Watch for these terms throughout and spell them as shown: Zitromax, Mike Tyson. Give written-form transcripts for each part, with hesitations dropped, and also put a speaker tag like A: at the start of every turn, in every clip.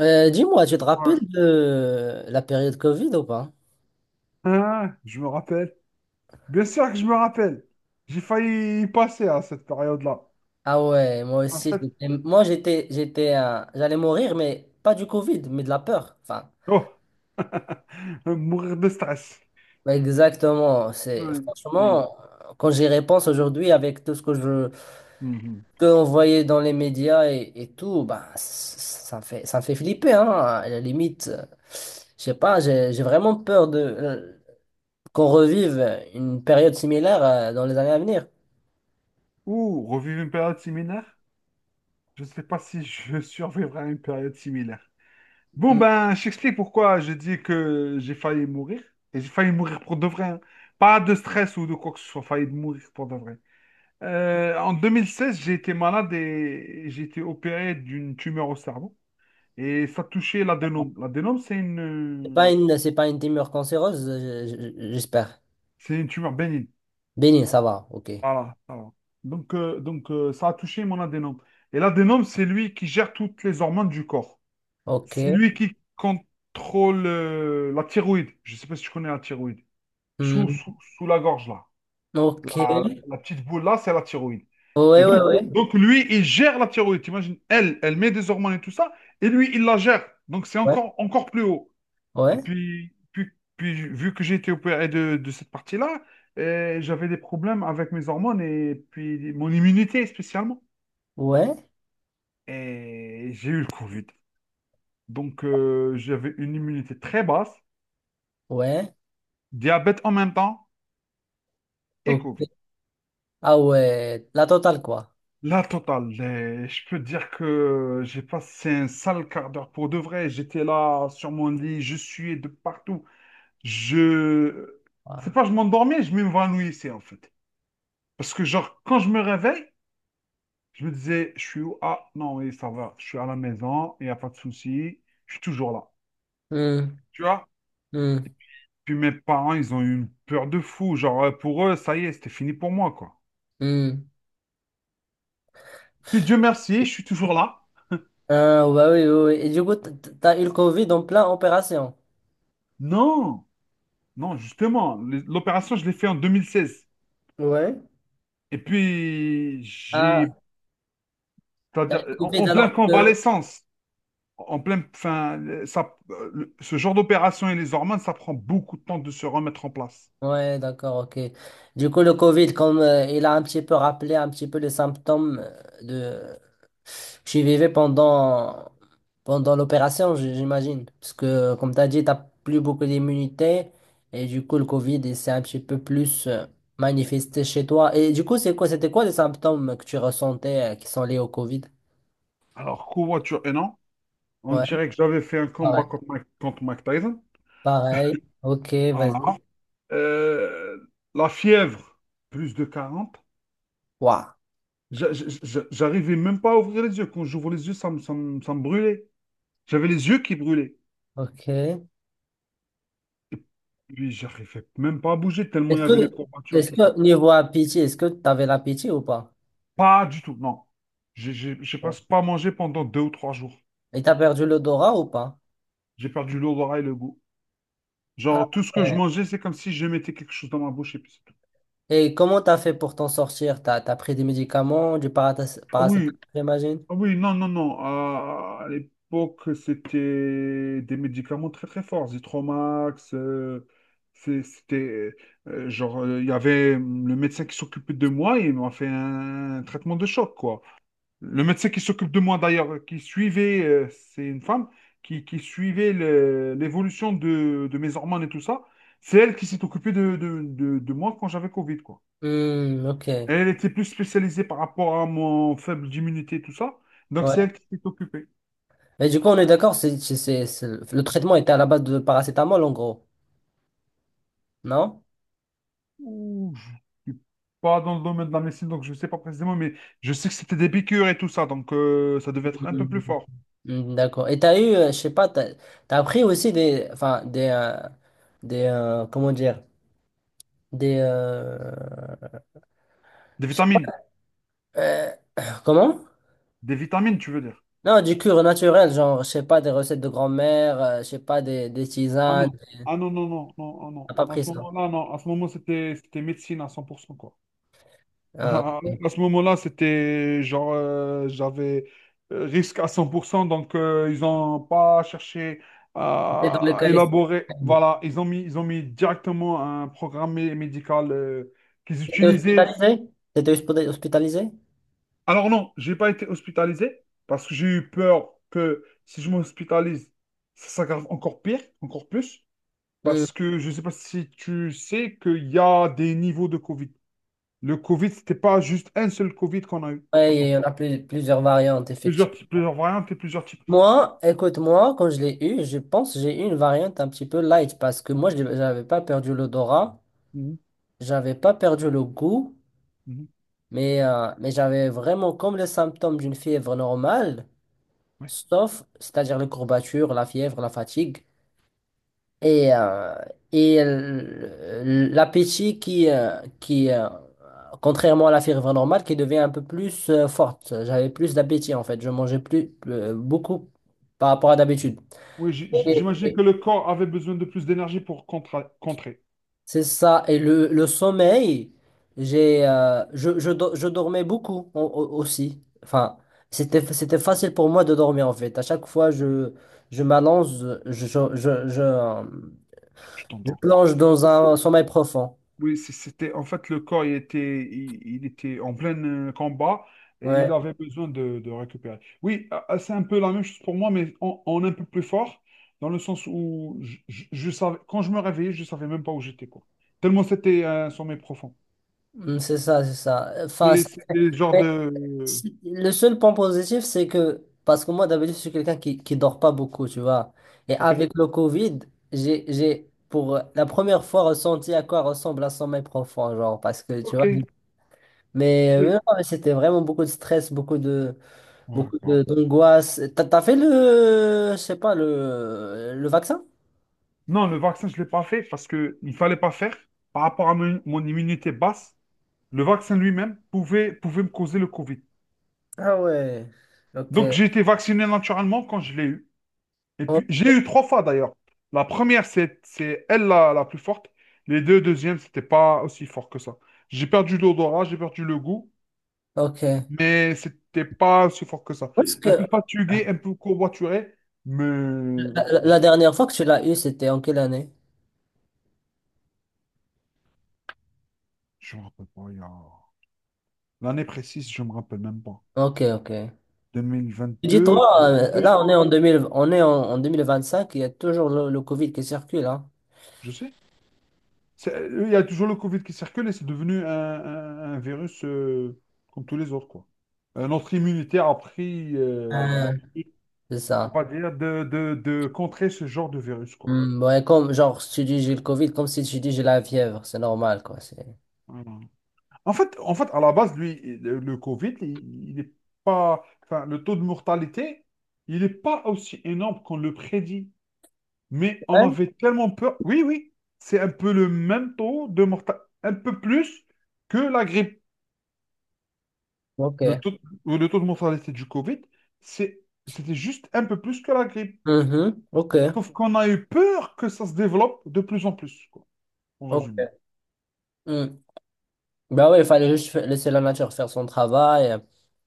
A: Dis-moi, tu te rappelles
B: Ouais.
A: de la période Covid ou pas?
B: Hein, je me rappelle. Bien sûr que je me rappelle. J'ai failli y passer à cette période-là.
A: Ah ouais, moi
B: En
A: aussi,
B: fait,
A: moi j'allais mourir, mais pas du Covid, mais de la peur. Enfin,
B: oh. Mourir de stress.
A: ouais, exactement. C'est
B: Ouais. Mm.
A: franchement, quand j'y repense aujourd'hui, avec tout ce que je
B: Mhm.
A: peux envoyer dans les médias et tout, bah, ça me fait flipper, hein. À la limite, je sais pas, j'ai vraiment peur de qu'on revive une période similaire dans les années à venir.
B: Ou revivre une période similaire. Je ne sais pas si je survivrai à une période similaire. Je t'explique pourquoi je dis que j'ai failli mourir. Et j'ai failli mourir pour de vrai, hein. Pas de stress ou de quoi que ce soit, failli mourir pour de vrai. En 2016, j'ai été malade et j'ai été opéré d'une tumeur au cerveau. Et ça touchait l'adénome.
A: C'est pas
B: Euh,
A: une, c'est pas une tumeur cancéreuse, j'espère.
B: c'est une tumeur bénigne.
A: Béni, ça va, ok.
B: Voilà, ça va. Donc, ça a touché mon adénome. Et l'adénome, c'est lui qui gère toutes les hormones du corps. C'est
A: Ok.
B: lui qui contrôle la thyroïde. Je ne sais pas si tu connais la thyroïde.
A: Hmm.
B: Sous la gorge, là.
A: Ok.
B: La petite boule, là, c'est la thyroïde.
A: Ouais,
B: Et
A: ouais,
B: donc,
A: ouais.
B: lui, il gère la thyroïde. T'imagines, elle met des hormones et tout ça. Et lui, il la gère. Donc, c'est
A: Ouais,
B: encore, encore plus haut. Et
A: ouais,
B: puis, puis, Vu que j'ai été opéré de cette partie-là, j'avais des problèmes avec mes hormones et puis mon immunité spécialement.
A: ouais,
B: Et j'ai eu le Covid. Donc, j'avais une immunité très basse,
A: ouais.
B: diabète en même temps et
A: Ok.
B: Covid.
A: Ah ouais, la totale, quoi.
B: La totale. Et je peux dire que j'ai passé un sale quart d'heure pour de vrai. J'étais là sur mon lit, je suais de partout. Je... C'est
A: Ah.
B: pas Je m'endormais, je m'évanouissais en fait. Parce que genre, quand je me réveille, je me disais, je suis où? Ah, non, oui, ça va. Je suis à la maison, il n'y a pas de souci. Je suis toujours là.
A: Hmm,
B: Tu vois?
A: hmm,
B: Puis mes parents, ils ont eu une peur de fou. Pour eux, ça y est, c'était fini pour moi, quoi.
A: hmm.
B: Puis Dieu merci, je suis toujours là.
A: Ah, bah oui, oui, oui. Et du coup, t'as eu le Covid en plein opération.
B: Non, non, justement, l'opération, je l'ai fait en 2016.
A: Ouais.
B: Et puis, j'ai,
A: Ah, t'as eu
B: C'est-à-dire,
A: le
B: en
A: Covid
B: pleine
A: alors que...
B: convalescence. En plein, enfin, ça, le- Ce genre d'opération et les hormones, ça prend beaucoup de temps de se remettre en place.
A: Ouais, d'accord, ok. Du coup, le Covid, comme il a un petit peu rappelé un petit peu les symptômes de que je vivais pendant l'opération, j'imagine, parce que comme tu as dit, t'as plus beaucoup d'immunité et du coup, le Covid, il s'est un petit peu plus manifesté chez toi. Et du coup, c'est quoi, c'était quoi les symptômes que tu ressentais qui sont liés au Covid?
B: Alors, covoiture et non, on
A: Ouais,
B: dirait que j'avais fait un combat
A: pareil,
B: contre Mike Tyson.
A: pareil. Ok,
B: Voilà.
A: vas-y.
B: Euh, la fièvre, plus de 40.
A: Waouh,
B: J'arrivais même pas à ouvrir les yeux. Quand j'ouvre les yeux, ça me brûlait. J'avais les yeux qui brûlaient.
A: ok.
B: Lui, j'arrivais même pas à bouger tellement il y
A: Que,
B: avait les courbatures,
A: est-ce
B: tout ça.
A: que niveau appétit, est-ce que tu avais l'appétit ou pas?
B: Pas du tout, non. J'ai
A: Ouais.
B: presque pas mangé pendant deux ou trois jours.
A: Et t'as perdu l'odorat ou pas?
B: J'ai perdu l'odorat et le goût.
A: Ah
B: Genre, tout ce que je
A: ouais.
B: mangeais, c'est comme si je mettais quelque chose dans ma bouche et puis c'est tout.
A: Et comment t'as fait pour t'en sortir? T'as pris des médicaments, du
B: Ah
A: paracétamol,
B: oui,
A: j'imagine?
B: ah oui, non, non, non. À l'époque, c'était des médicaments très très forts. Zitromax, c'est- c'était... il y avait le médecin qui s'occupait de moi et il m'a fait un traitement de choc, quoi. Le médecin qui s'occupe de moi d'ailleurs, qui suivait, c'est une femme, qui suivait l'évolution de mes hormones et tout ça, c'est elle qui s'est occupée de moi quand j'avais Covid, quoi.
A: Hmm, ok.
B: Elle était plus spécialisée par rapport à mon faible immunité et tout ça, donc
A: Ouais.
B: c'est elle qui s'est occupée.
A: Et du coup, on est d'accord, le traitement était à la base de paracétamol en gros, non?
B: Ouh, je suis pas dans le domaine de la médecine, donc je sais pas précisément, mais je sais que c'était des piqûres et tout ça, donc ça devait être un peu plus
A: Mhm.
B: fort.
A: Hmm, d'accord. Et t'as eu, je sais pas, t'as pris aussi des, enfin, comment dire, des, euh,
B: Des
A: je sais
B: vitamines,
A: pas, euh, comment?
B: des vitamines, tu veux dire.
A: Non, du cure naturel, genre, je sais pas, des recettes de grand-mère, je sais pas, des
B: Ah
A: tisanes.
B: non, ah non, non, non, non, ah
A: T'as
B: non.
A: pas
B: À
A: pris
B: ce
A: ça.
B: moment-là, non, à ce moment, c'était médecine à 100% quoi.
A: Ah,
B: À,
A: ok.
B: ce moment-là, c'était j'avais risque à 100% donc ils n'ont pas cherché
A: T'étais dans le
B: à
A: cas.
B: élaborer. Voilà, ils ont mis directement un programme médical qu'ils
A: T'étais
B: utilisaient.
A: hospitalisé? T'étais hospitalisé?
B: Alors non, j'ai pas été hospitalisé parce que j'ai eu peur que si je m'hospitalise, ça s'aggrave encore pire, encore plus.
A: Hmm.
B: Parce que je ne sais pas si tu sais qu'il y a des niveaux de Covid. Le Covid, c'était pas juste un seul Covid qu'on a eu.
A: Ouais, il
B: Bon,
A: y en a plusieurs variantes,
B: plusieurs
A: effectivement.
B: types, plusieurs variantes et plusieurs types.
A: Moi, écoute-moi, quand je l'ai eu, je pense que j'ai eu une variante un petit peu light parce que moi, je n'avais pas perdu l'odorat,
B: Mhm,
A: j'avais pas perdu le goût,
B: mhm,
A: mais j'avais vraiment comme les symptômes d'une fièvre normale,
B: ouais.
A: sauf, c'est-à-dire les courbatures, la fièvre, la fatigue. Et, euh, et l'appétit qui, contrairement à la fièvre normale, qui devient un peu plus forte. J'avais plus d'appétit en fait. Je mangeais plus beaucoup par rapport à d'habitude.
B: Oui,
A: Et-
B: j'imagine que
A: et
B: le corps avait besoin de plus d'énergie pour contrer.
A: C'est ça. Et le sommeil, j'ai, je, do- je dormais beaucoup aussi. Enfin, c'était facile pour moi de dormir en fait. À chaque fois, je m'allonge, je, je, je, je, euh,
B: Tu
A: je
B: t'endors.
A: plonge dans un sommeil profond.
B: Oui, c'était en fait le corps, il était en plein combat et
A: Ouais.
B: il avait besoin de récupérer. Oui, c'est un peu la même chose pour moi, mais en un peu plus fort, dans le sens où je savais, quand je me réveillais, je savais même pas où j'étais, quoi. Tellement c'était un sommeil profond.
A: Hmm, c'est ça, c'est ça. Enfin,
B: Et c'est des genres
A: mais
B: de.
A: le seul point positif, c'est que, parce que moi, d'habitude, je suis quelqu'un qui dort pas beaucoup, tu vois. Et
B: Ok.
A: avec le Covid, pour la première fois, ressenti à quoi ressemble un sommeil profond, genre, parce que, tu
B: Ok,
A: vois. Mais non,
B: oui.
A: mais c'était vraiment beaucoup de stress,
B: Ouais, grave.
A: d'angoisse. T'as fait je sais pas, le vaccin?
B: Non, le vaccin, je ne l'ai pas fait parce qu'il ne fallait pas faire. Par rapport à mon immunité basse, le vaccin lui-même pouvait me causer le Covid.
A: Ah ouais, ok.
B: Donc, j'ai été vacciné naturellement quand je l'ai eu. Et puis,
A: O-
B: j'ai eu trois fois d'ailleurs. La première, c'est elle la plus forte. Les deux deuxièmes, c'était pas aussi fort que ça. J'ai perdu l'odorat, j'ai perdu le goût,
A: Ok.
B: mais c'était pas aussi fort que ça.
A: Parce que
B: Un peu fatigué, un peu courbaturé, mais
A: la, la-
B: je,
A: la dernière fois que tu l'as eu, c'était en quelle année?
B: je me rappelle pas. L'année précise, je me rappelle même pas.
A: Ok, ok. Dis-toi,
B: 2022, je
A: là, on est
B: crois.
A: en 2000, on est en 2025, il y a toujours le Covid qui circule, hein.
B: Je sais. C'est- Il y a toujours le Covid qui circule et c'est devenu un, un virus comme tous les autres, quoi. Notre immunité a pris,
A: Ah, c'est
B: on
A: ça.
B: va dire, de contrer ce genre de virus, quoi.
A: Hmm, ouais, comme, genre, si tu dis j'ai le Covid, comme si tu dis j'ai la fièvre, c'est normal, quoi. C'est...
B: Voilà. En fait, à la base, lui, le Covid, il est pas, enfin, le taux de mortalité, il n'est pas aussi énorme qu'on le prédit. Mais on
A: ouais.
B: avait tellement peur. Oui, oui, c'est un peu le même taux de mortalité, un peu plus que la grippe. Le
A: Ok.
B: taux, le taux de mortalité du Covid, c'est, c'était juste un peu plus que la grippe.
A: Mhm. Ok.
B: Sauf qu'on a eu peur que ça se développe de plus en plus, quoi, en
A: Ok.
B: résumé.
A: Hmm. Bah ouais, il fallait juste laisser la nature faire son travail,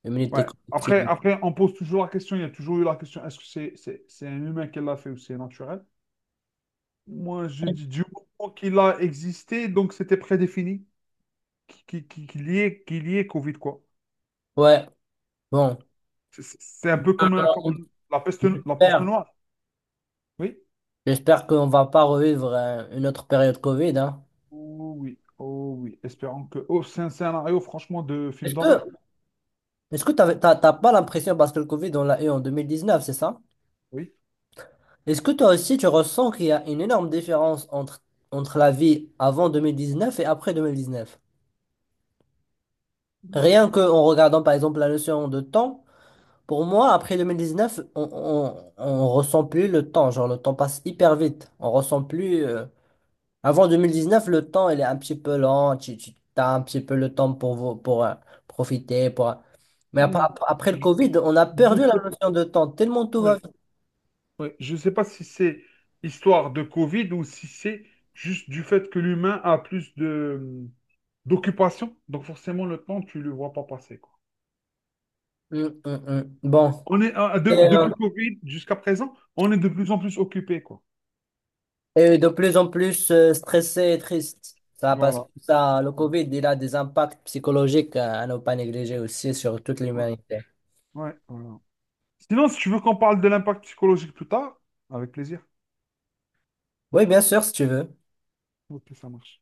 A: immunité
B: Ouais.
A: collective.
B: Après, après, on pose toujours la question, il y a toujours eu la question, est-ce que c'est un humain qui l'a fait ou c'est naturel? Moi, je dis du moment qu'il a existé, donc c'était prédéfini qu'il y ait Covid, quoi.
A: Ouais, bon.
B: C'est un peu
A: Euh,
B: comme, comme la peste
A: J'espère,
B: noire. Oui?
A: j'espère qu'on va pas revivre une autre période Covid, hein.
B: Oh oui, oh oui. Espérons que... Oh, c'est un scénario, franchement, de film
A: Est-ce que
B: d'horreur.
A: T'as pas l'impression, parce que le Covid, on l'a eu en 2019, c'est ça?
B: Oui.
A: Est-ce que toi aussi, tu ressens qu'il y a une énorme différence entre la vie avant 2019 et après 2019? Rien que en regardant, par exemple, la notion de temps, pour moi, après 2019 on ressent plus le temps. Genre, le temps passe hyper vite. On ressent plus. Avant neuf, le temps, il est un petit peu lent. Tu as un petit peu le temps pour, pour profiter, pour... Mais
B: Hmm.
A: après le
B: Je
A: Covid, on a
B: je
A: perdu la
B: sais,
A: notion de temps, tellement tout va.
B: oui, oui. Je sais pas si c'est histoire de Covid ou si c'est juste du fait que l'humain a plus de d'occupation. Donc forcément, le temps, tu le vois pas passer, quoi.
A: Mm, mm, mm. Bon, et, euh,
B: Depuis Covid jusqu'à présent, on est de plus en plus occupé, quoi.
A: et de plus en plus stressé et triste. Ça, parce que
B: Voilà.
A: ça, le Covid, il a des impacts psychologiques à ne pas négliger aussi sur toute
B: Ouais,
A: l'humanité.
B: ouais, voilà. Sinon, si tu veux qu'on parle de l'impact psychologique plus tard, avec plaisir.
A: Oui, bien sûr, si tu veux.
B: Ok, ça marche.